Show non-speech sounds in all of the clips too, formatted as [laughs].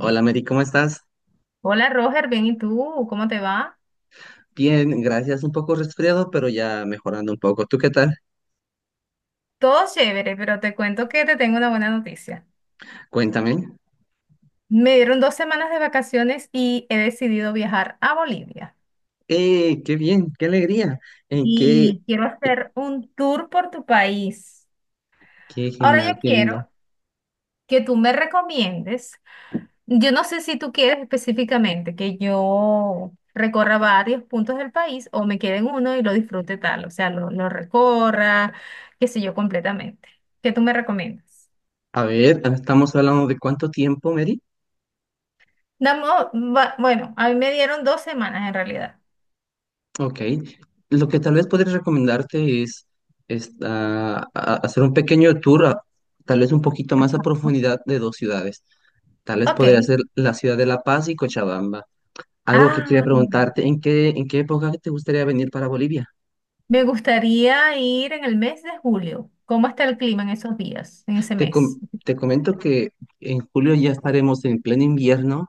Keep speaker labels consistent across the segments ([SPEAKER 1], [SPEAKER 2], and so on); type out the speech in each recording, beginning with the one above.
[SPEAKER 1] Hola Mary, ¿cómo estás?
[SPEAKER 2] Hola Roger, bien, ¿y tú? ¿Cómo te va?
[SPEAKER 1] Bien, gracias. Un poco resfriado, pero ya mejorando un poco. ¿Tú qué tal?
[SPEAKER 2] Todo chévere, pero te cuento que te tengo una buena noticia.
[SPEAKER 1] Cuéntame.
[SPEAKER 2] Me dieron 2 semanas de vacaciones y he decidido viajar a Bolivia.
[SPEAKER 1] Qué bien! ¡Qué alegría! Eh, qué,
[SPEAKER 2] Y quiero hacer un tour por tu país.
[SPEAKER 1] qué
[SPEAKER 2] Ahora
[SPEAKER 1] genial!
[SPEAKER 2] yo
[SPEAKER 1] ¡Qué linda!
[SPEAKER 2] quiero que tú me recomiendes. Yo no sé si tú quieres específicamente que yo recorra varios puntos del país o me quede en uno y lo disfrute tal, o sea, lo recorra, qué sé yo, completamente. ¿Qué tú me recomiendas?
[SPEAKER 1] A ver, estamos hablando de cuánto tiempo, Mary.
[SPEAKER 2] Damos, bueno, a mí me dieron dos semanas en realidad.
[SPEAKER 1] Ok. Lo que tal vez podría recomendarte es, hacer un pequeño tour, tal vez un poquito más a
[SPEAKER 2] ¿No?
[SPEAKER 1] profundidad de dos ciudades. Tal vez podría
[SPEAKER 2] Ok.
[SPEAKER 1] ser la ciudad de La Paz y Cochabamba. Algo que quería
[SPEAKER 2] Ah,
[SPEAKER 1] preguntarte, en qué época te gustaría venir para Bolivia?
[SPEAKER 2] me gustaría ir en el mes de julio. ¿Cómo está el clima en esos días, en ese
[SPEAKER 1] Te,
[SPEAKER 2] mes?
[SPEAKER 1] com-
[SPEAKER 2] [gasps]
[SPEAKER 1] te comento que en julio ya estaremos en pleno invierno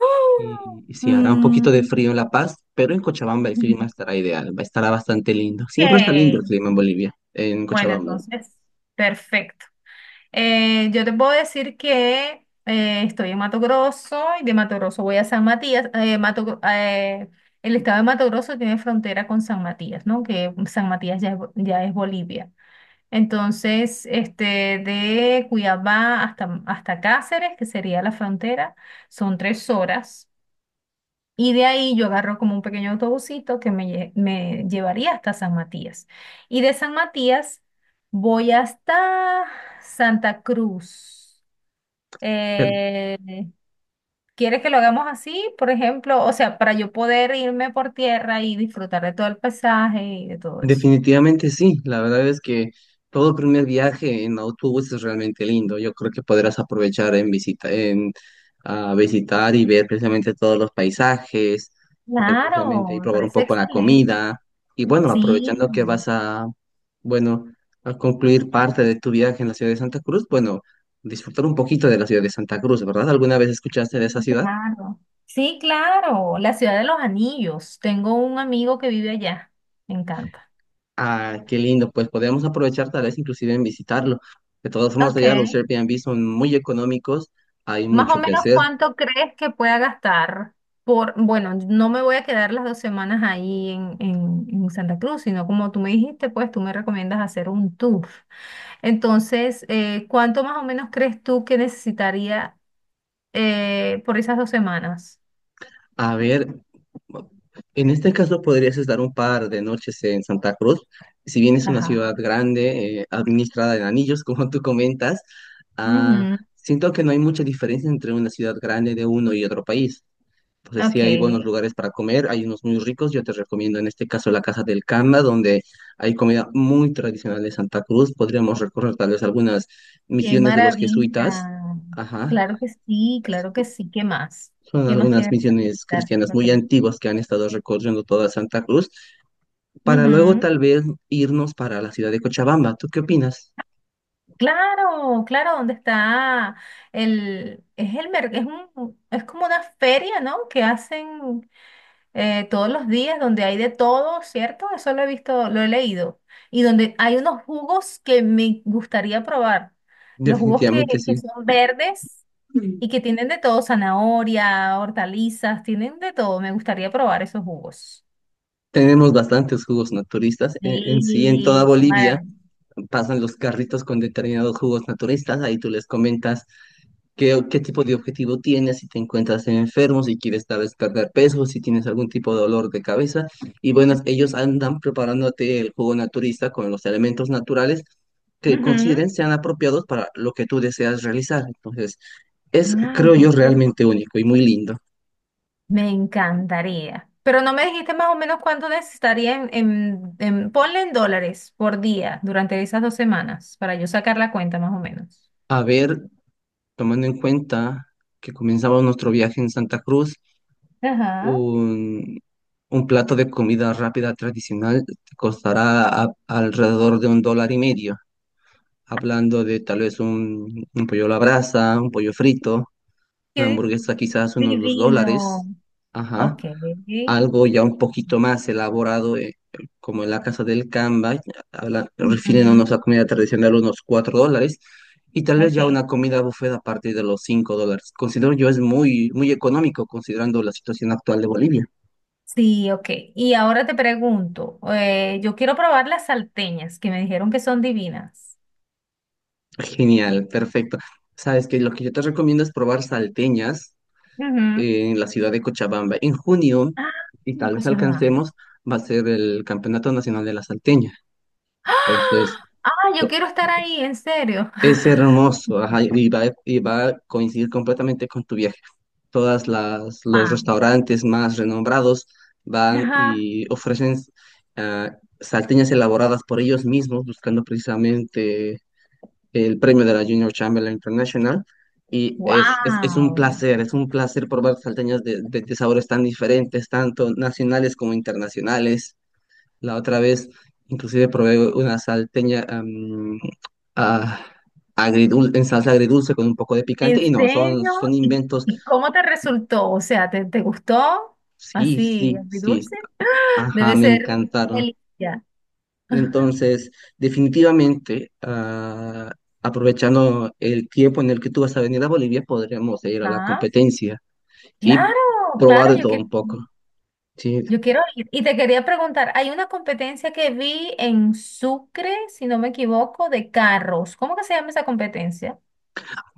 [SPEAKER 2] ¡Oh!
[SPEAKER 1] y sí hará un poquito de
[SPEAKER 2] Mm,
[SPEAKER 1] frío en La Paz, pero en Cochabamba el clima estará ideal, estará bastante lindo. Siempre está lindo el
[SPEAKER 2] ok,
[SPEAKER 1] clima en Bolivia, en
[SPEAKER 2] bueno,
[SPEAKER 1] Cochabamba.
[SPEAKER 2] entonces, perfecto. Yo te puedo decir que estoy en Mato Grosso y de Mato Grosso voy a San Matías. El estado de Mato Grosso tiene frontera con San Matías, ¿no? Que San Matías ya es, ya es Bolivia. Entonces, este, de Cuiabá hasta Cáceres, que sería la frontera, son 3 horas. Y de ahí yo agarro como un pequeño autobusito que me llevaría hasta San Matías. Y de San Matías voy hasta Santa Cruz.
[SPEAKER 1] Pero.
[SPEAKER 2] Eh, ¿Quieres que lo hagamos así, por ejemplo? O sea, para yo poder irme por tierra y disfrutar de todo el paisaje y de todo eso.
[SPEAKER 1] Definitivamente sí, la verdad es que todo primer viaje en autobús es realmente lindo. Yo creo que podrás aprovechar en visita, en visitar y ver precisamente todos los paisajes, ver precisamente
[SPEAKER 2] Claro,
[SPEAKER 1] y
[SPEAKER 2] me
[SPEAKER 1] probar un
[SPEAKER 2] parece
[SPEAKER 1] poco la
[SPEAKER 2] excelente.
[SPEAKER 1] comida. Y bueno,
[SPEAKER 2] Sí.
[SPEAKER 1] aprovechando que vas a, bueno, a concluir parte de tu viaje en la ciudad de Santa Cruz, bueno, disfrutar un poquito de la ciudad de Santa Cruz, ¿verdad? ¿Alguna vez escuchaste de esa ciudad?
[SPEAKER 2] Claro. Sí, claro, la ciudad de los anillos. Tengo un amigo que vive allá. Me encanta.
[SPEAKER 1] Ah, qué lindo, pues podemos aprovechar tal vez inclusive en visitarlo. De todos modos,
[SPEAKER 2] Ok.
[SPEAKER 1] allá los Airbnb son muy económicos, hay
[SPEAKER 2] Más o
[SPEAKER 1] mucho que
[SPEAKER 2] menos
[SPEAKER 1] hacer.
[SPEAKER 2] cuánto crees que pueda gastar por, bueno, no me voy a quedar las 2 semanas ahí en, en Santa Cruz, sino como tú me dijiste, pues tú me recomiendas hacer un tour. Entonces, ¿cuánto más o menos crees tú que necesitaría por esas 2 semanas?
[SPEAKER 1] A ver, en este caso podrías estar un par de noches en Santa Cruz. Si bien es una ciudad
[SPEAKER 2] Ajá.
[SPEAKER 1] grande, administrada en anillos, [laughs] como tú comentas, ah,
[SPEAKER 2] Ujú.
[SPEAKER 1] siento que no hay mucha diferencia entre una ciudad grande de uno y otro país. Entonces sí
[SPEAKER 2] Ok.
[SPEAKER 1] hay buenos lugares para comer, hay unos muy ricos. Yo te recomiendo en este caso la Casa del Canda, donde hay comida muy tradicional de Santa Cruz. Podríamos recorrer tal vez algunas
[SPEAKER 2] Qué
[SPEAKER 1] misiones de los jesuitas.
[SPEAKER 2] maravilla.
[SPEAKER 1] Ajá.
[SPEAKER 2] Claro que sí, claro que sí. ¿Qué más?
[SPEAKER 1] Son
[SPEAKER 2] ¿Qué más
[SPEAKER 1] algunas
[SPEAKER 2] tiene para
[SPEAKER 1] misiones
[SPEAKER 2] visitar
[SPEAKER 1] cristianas muy
[SPEAKER 2] Veracruz?
[SPEAKER 1] antiguas que han estado recorriendo toda Santa Cruz, para luego
[SPEAKER 2] Ujú.
[SPEAKER 1] tal vez irnos para la ciudad de Cochabamba. ¿Tú qué opinas?
[SPEAKER 2] Claro, claro, dónde está el, es el mer- es un, es como una feria, ¿no? Que hacen todos los días, donde hay de todo, ¿cierto? Eso lo he visto, lo he leído. Y donde hay unos jugos que me gustaría probar. Los jugos que,
[SPEAKER 1] Definitivamente
[SPEAKER 2] que
[SPEAKER 1] sí.
[SPEAKER 2] son verdes.
[SPEAKER 1] Mm.
[SPEAKER 2] Y que tienen de todo, zanahoria, hortalizas, tienen de todo. Me gustaría probar esos jugos.
[SPEAKER 1] Tenemos bastantes jugos naturistas en sí, en toda
[SPEAKER 2] Sí, qué
[SPEAKER 1] Bolivia.
[SPEAKER 2] maravilla.
[SPEAKER 1] Pasan los carritos con determinados jugos naturistas, ahí tú les comentas qué, qué tipo de objetivo tienes, si te encuentras enfermo, si quieres tal vez perder peso, si tienes algún tipo de dolor de cabeza. Y bueno, ellos andan preparándote el jugo naturista con los elementos naturales que
[SPEAKER 2] Ujú.
[SPEAKER 1] consideren sean apropiados para lo que tú deseas realizar. Entonces, es,
[SPEAKER 2] Ay,
[SPEAKER 1] creo
[SPEAKER 2] claro
[SPEAKER 1] yo,
[SPEAKER 2] que sí.
[SPEAKER 1] realmente único y muy lindo.
[SPEAKER 2] Me encantaría. Pero no me dijiste más o menos cuánto necesitaría en, ponle en dólares por día durante esas 2 semanas para yo sacar la cuenta más o menos.
[SPEAKER 1] A ver, tomando en cuenta que comenzaba nuestro viaje en Santa Cruz.
[SPEAKER 2] Ajá.
[SPEAKER 1] Un, un plato de comida rápida tradicional te costará alrededor de un dólar y medio, hablando de tal vez un pollo a la brasa, un pollo frito, una
[SPEAKER 2] Qué
[SPEAKER 1] hamburguesa quizás unos dos
[SPEAKER 2] divino.
[SPEAKER 1] dólares, ajá,
[SPEAKER 2] Ok.
[SPEAKER 1] algo ya un poquito más elaborado, como en la casa del Camba, refiriéndonos
[SPEAKER 2] Ujú.
[SPEAKER 1] a comida tradicional, unos $4. Y tal vez ya
[SPEAKER 2] Ok.
[SPEAKER 1] una comida buffet a partir de los $5. Considero yo es muy, muy económico considerando la situación actual de Bolivia.
[SPEAKER 2] Sí, ok. Y ahora te pregunto, yo quiero probar las salteñas que me dijeron que son divinas.
[SPEAKER 1] Genial, perfecto. Sabes que lo que yo te recomiendo es probar salteñas
[SPEAKER 2] Ujú.
[SPEAKER 1] en la ciudad de Cochabamba. En junio,
[SPEAKER 2] Ah,
[SPEAKER 1] y
[SPEAKER 2] en
[SPEAKER 1] tal vez
[SPEAKER 2] Cochabamba.
[SPEAKER 1] alcancemos, va a ser el Campeonato Nacional de la Salteña.
[SPEAKER 2] ¡Ah!
[SPEAKER 1] Entonces,
[SPEAKER 2] Ah, yo
[SPEAKER 1] to-
[SPEAKER 2] quiero estar ahí, en serio.
[SPEAKER 1] es
[SPEAKER 2] [laughs]
[SPEAKER 1] hermoso, ajá, y va a coincidir completamente con tu viaje. Todas las los
[SPEAKER 2] Ah,
[SPEAKER 1] restaurantes más renombrados van
[SPEAKER 2] ajá.
[SPEAKER 1] y ofrecen ah, salteñas elaboradas por ellos mismos, buscando precisamente el premio de la Junior Chamberlain International. Y es un
[SPEAKER 2] Wow.
[SPEAKER 1] placer, es un placer probar salteñas de sabores tan diferentes, tanto nacionales como internacionales. La otra vez, inclusive probé una salteña ah, en salsa agridulce con un poco de picante.
[SPEAKER 2] ¿En
[SPEAKER 1] Y no, son,
[SPEAKER 2] serio?
[SPEAKER 1] son
[SPEAKER 2] ¿Y,
[SPEAKER 1] inventos.
[SPEAKER 2] y cómo te resultó? O sea, ¿te gustó?
[SPEAKER 1] Sí,
[SPEAKER 2] Así,
[SPEAKER 1] sí, sí.
[SPEAKER 2] dulce. [laughs]
[SPEAKER 1] Ajá,
[SPEAKER 2] Debe
[SPEAKER 1] me
[SPEAKER 2] ser
[SPEAKER 1] encantaron.
[SPEAKER 2] delicia. Ajá.
[SPEAKER 1] Entonces, definitivamente, ah, aprovechando el tiempo en el que tú vas a venir a Bolivia, podríamos ir a la
[SPEAKER 2] Ah,
[SPEAKER 1] competencia y
[SPEAKER 2] claro,
[SPEAKER 1] probar
[SPEAKER 2] claro,
[SPEAKER 1] de
[SPEAKER 2] yo
[SPEAKER 1] todo
[SPEAKER 2] quiero.
[SPEAKER 1] un poco. Sí.
[SPEAKER 2] Yo quiero ir. Y te quería preguntar, hay una competencia que vi en Sucre, si no me equivoco, de carros. ¿Cómo que se llama esa competencia?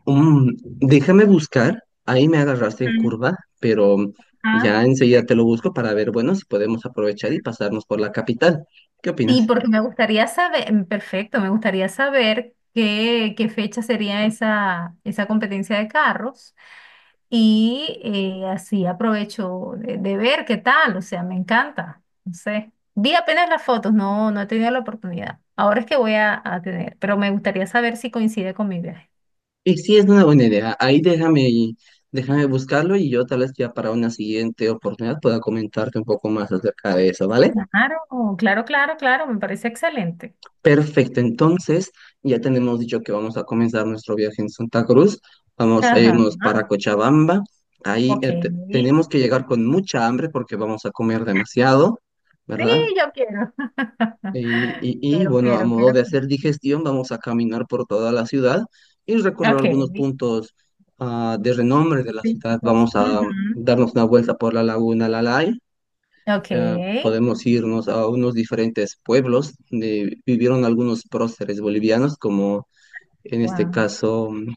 [SPEAKER 1] Déjame buscar, ahí me agarraste en
[SPEAKER 2] Mm.
[SPEAKER 1] curva, pero
[SPEAKER 2] Ah,
[SPEAKER 1] ya enseguida te lo busco para ver, bueno, si podemos aprovechar y pasarnos por la capital. ¿Qué
[SPEAKER 2] sí,
[SPEAKER 1] opinas?
[SPEAKER 2] porque me gustaría saber, perfecto, me gustaría saber qué fecha sería esa, competencia de carros. Y así aprovecho de ver qué tal, o sea, me encanta. No sé. Vi apenas las fotos, no, no he tenido la oportunidad. Ahora es que voy a tener, pero me gustaría saber si coincide con mi viaje.
[SPEAKER 1] Y sí, es una buena idea. Ahí déjame, déjame buscarlo y yo tal vez ya para una siguiente oportunidad pueda comentarte un poco más acerca de eso, ¿vale?
[SPEAKER 2] Claro, claro, claro, claro, me parece excelente.
[SPEAKER 1] Perfecto, entonces ya tenemos dicho que vamos a comenzar nuestro viaje en Santa Cruz. Vamos a
[SPEAKER 2] Ajá,
[SPEAKER 1] irnos para Cochabamba. Ahí
[SPEAKER 2] ok. Sí,
[SPEAKER 1] tenemos que llegar con mucha hambre porque vamos a comer demasiado, ¿verdad?
[SPEAKER 2] yo quiero. [laughs]
[SPEAKER 1] Y,
[SPEAKER 2] Quiero,
[SPEAKER 1] bueno, a
[SPEAKER 2] quiero,
[SPEAKER 1] modo
[SPEAKER 2] quiero.
[SPEAKER 1] de hacer digestión, vamos a caminar por toda la ciudad y recorrer
[SPEAKER 2] Ok.
[SPEAKER 1] algunos puntos de renombre de la ciudad.
[SPEAKER 2] Piquitos.
[SPEAKER 1] Vamos a
[SPEAKER 2] Ujú.
[SPEAKER 1] darnos una vuelta por la Laguna Lalay.
[SPEAKER 2] Ok.
[SPEAKER 1] Podemos irnos a unos diferentes pueblos donde vivieron algunos próceres bolivianos, como en este
[SPEAKER 2] Wow.
[SPEAKER 1] caso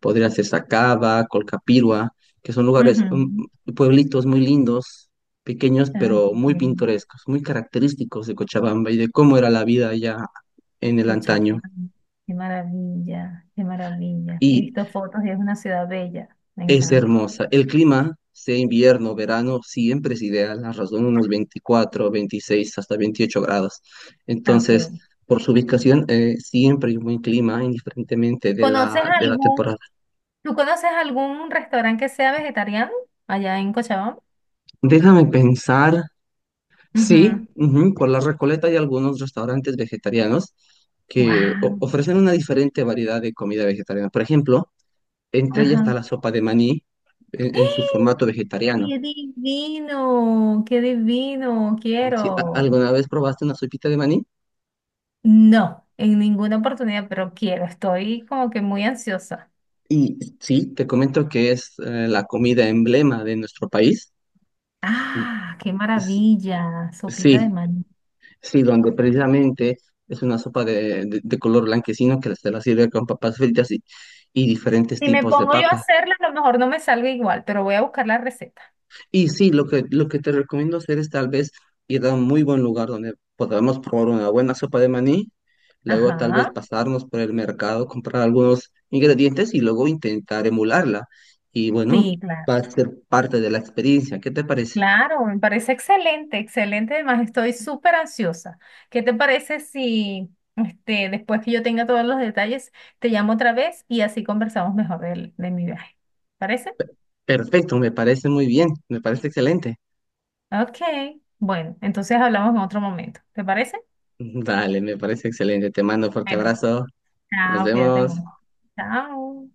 [SPEAKER 1] podría ser Sacaba, Colcapirua, que son lugares,
[SPEAKER 2] Ujú.
[SPEAKER 1] pueblitos muy lindos, pequeños,
[SPEAKER 2] Ay,
[SPEAKER 1] pero
[SPEAKER 2] qué
[SPEAKER 1] muy
[SPEAKER 2] bien.
[SPEAKER 1] pintorescos, muy característicos de Cochabamba y de cómo era la vida allá en el antaño.
[SPEAKER 2] Cochabamba. Qué maravilla, qué maravilla. He
[SPEAKER 1] Y.
[SPEAKER 2] visto fotos y es una ciudad bella. Me
[SPEAKER 1] Es
[SPEAKER 2] encanta.
[SPEAKER 1] hermosa. El clima, sea invierno, verano, siempre es ideal. La razón, unos 24 26 hasta 28 grados. Entonces,
[SPEAKER 2] Ok.
[SPEAKER 1] por su ubicación, siempre hay un buen clima, indiferentemente
[SPEAKER 2] ¿Conoces
[SPEAKER 1] de la
[SPEAKER 2] algún,
[SPEAKER 1] temporada.
[SPEAKER 2] tú conoces algún restaurante que sea vegetariano allá en Cochabamba?
[SPEAKER 1] Déjame pensar. Sí, ujú, por la Recoleta hay algunos restaurantes vegetarianos que
[SPEAKER 2] Wow.
[SPEAKER 1] ofrecen una diferente variedad de comida vegetariana. Por ejemplo, entre ellas está
[SPEAKER 2] Ajá.
[SPEAKER 1] la sopa de maní en su formato
[SPEAKER 2] ¡Eh!
[SPEAKER 1] vegetariano.
[SPEAKER 2] ¡Qué divino! ¡Qué divino!
[SPEAKER 1] ¿Si
[SPEAKER 2] Quiero.
[SPEAKER 1] alguna vez probaste una sopita de maní?
[SPEAKER 2] No, en ninguna oportunidad, pero quiero. Estoy como que muy ansiosa.
[SPEAKER 1] Y sí, te comento que es la comida emblema de nuestro país.
[SPEAKER 2] ¡Ah! ¡Qué
[SPEAKER 1] S-
[SPEAKER 2] maravilla! Sopita de
[SPEAKER 1] Sí,
[SPEAKER 2] maní.
[SPEAKER 1] sí, donde precisamente es una sopa de color blanquecino que se la sirve con papas fritas y diferentes
[SPEAKER 2] Si me
[SPEAKER 1] tipos de
[SPEAKER 2] pongo yo a
[SPEAKER 1] papa.
[SPEAKER 2] hacerla, a lo mejor no me salga igual, pero voy a buscar la receta.
[SPEAKER 1] Y sí, lo que te recomiendo hacer es tal vez ir a un muy buen lugar donde podamos probar una buena sopa de maní, luego tal vez
[SPEAKER 2] Ajá.
[SPEAKER 1] pasarnos por el mercado, comprar algunos ingredientes y luego intentar emularla. Y bueno,
[SPEAKER 2] Sí, claro.
[SPEAKER 1] va a ser parte de la experiencia. ¿Qué te parece?
[SPEAKER 2] Claro, me parece excelente, excelente. Además, estoy súper ansiosa. ¿Qué te parece si este, después que yo tenga todos los detalles, te llamo otra vez y así conversamos mejor de mi viaje? ¿Parece?
[SPEAKER 1] Perfecto, me parece muy bien, me parece excelente.
[SPEAKER 2] Ok. Bueno, entonces hablamos en otro momento. ¿Te parece?
[SPEAKER 1] Dale, me parece excelente. Te mando un fuerte
[SPEAKER 2] Bueno,
[SPEAKER 1] abrazo. Nos
[SPEAKER 2] chao, cuídate
[SPEAKER 1] vemos.
[SPEAKER 2] mucho. Chao.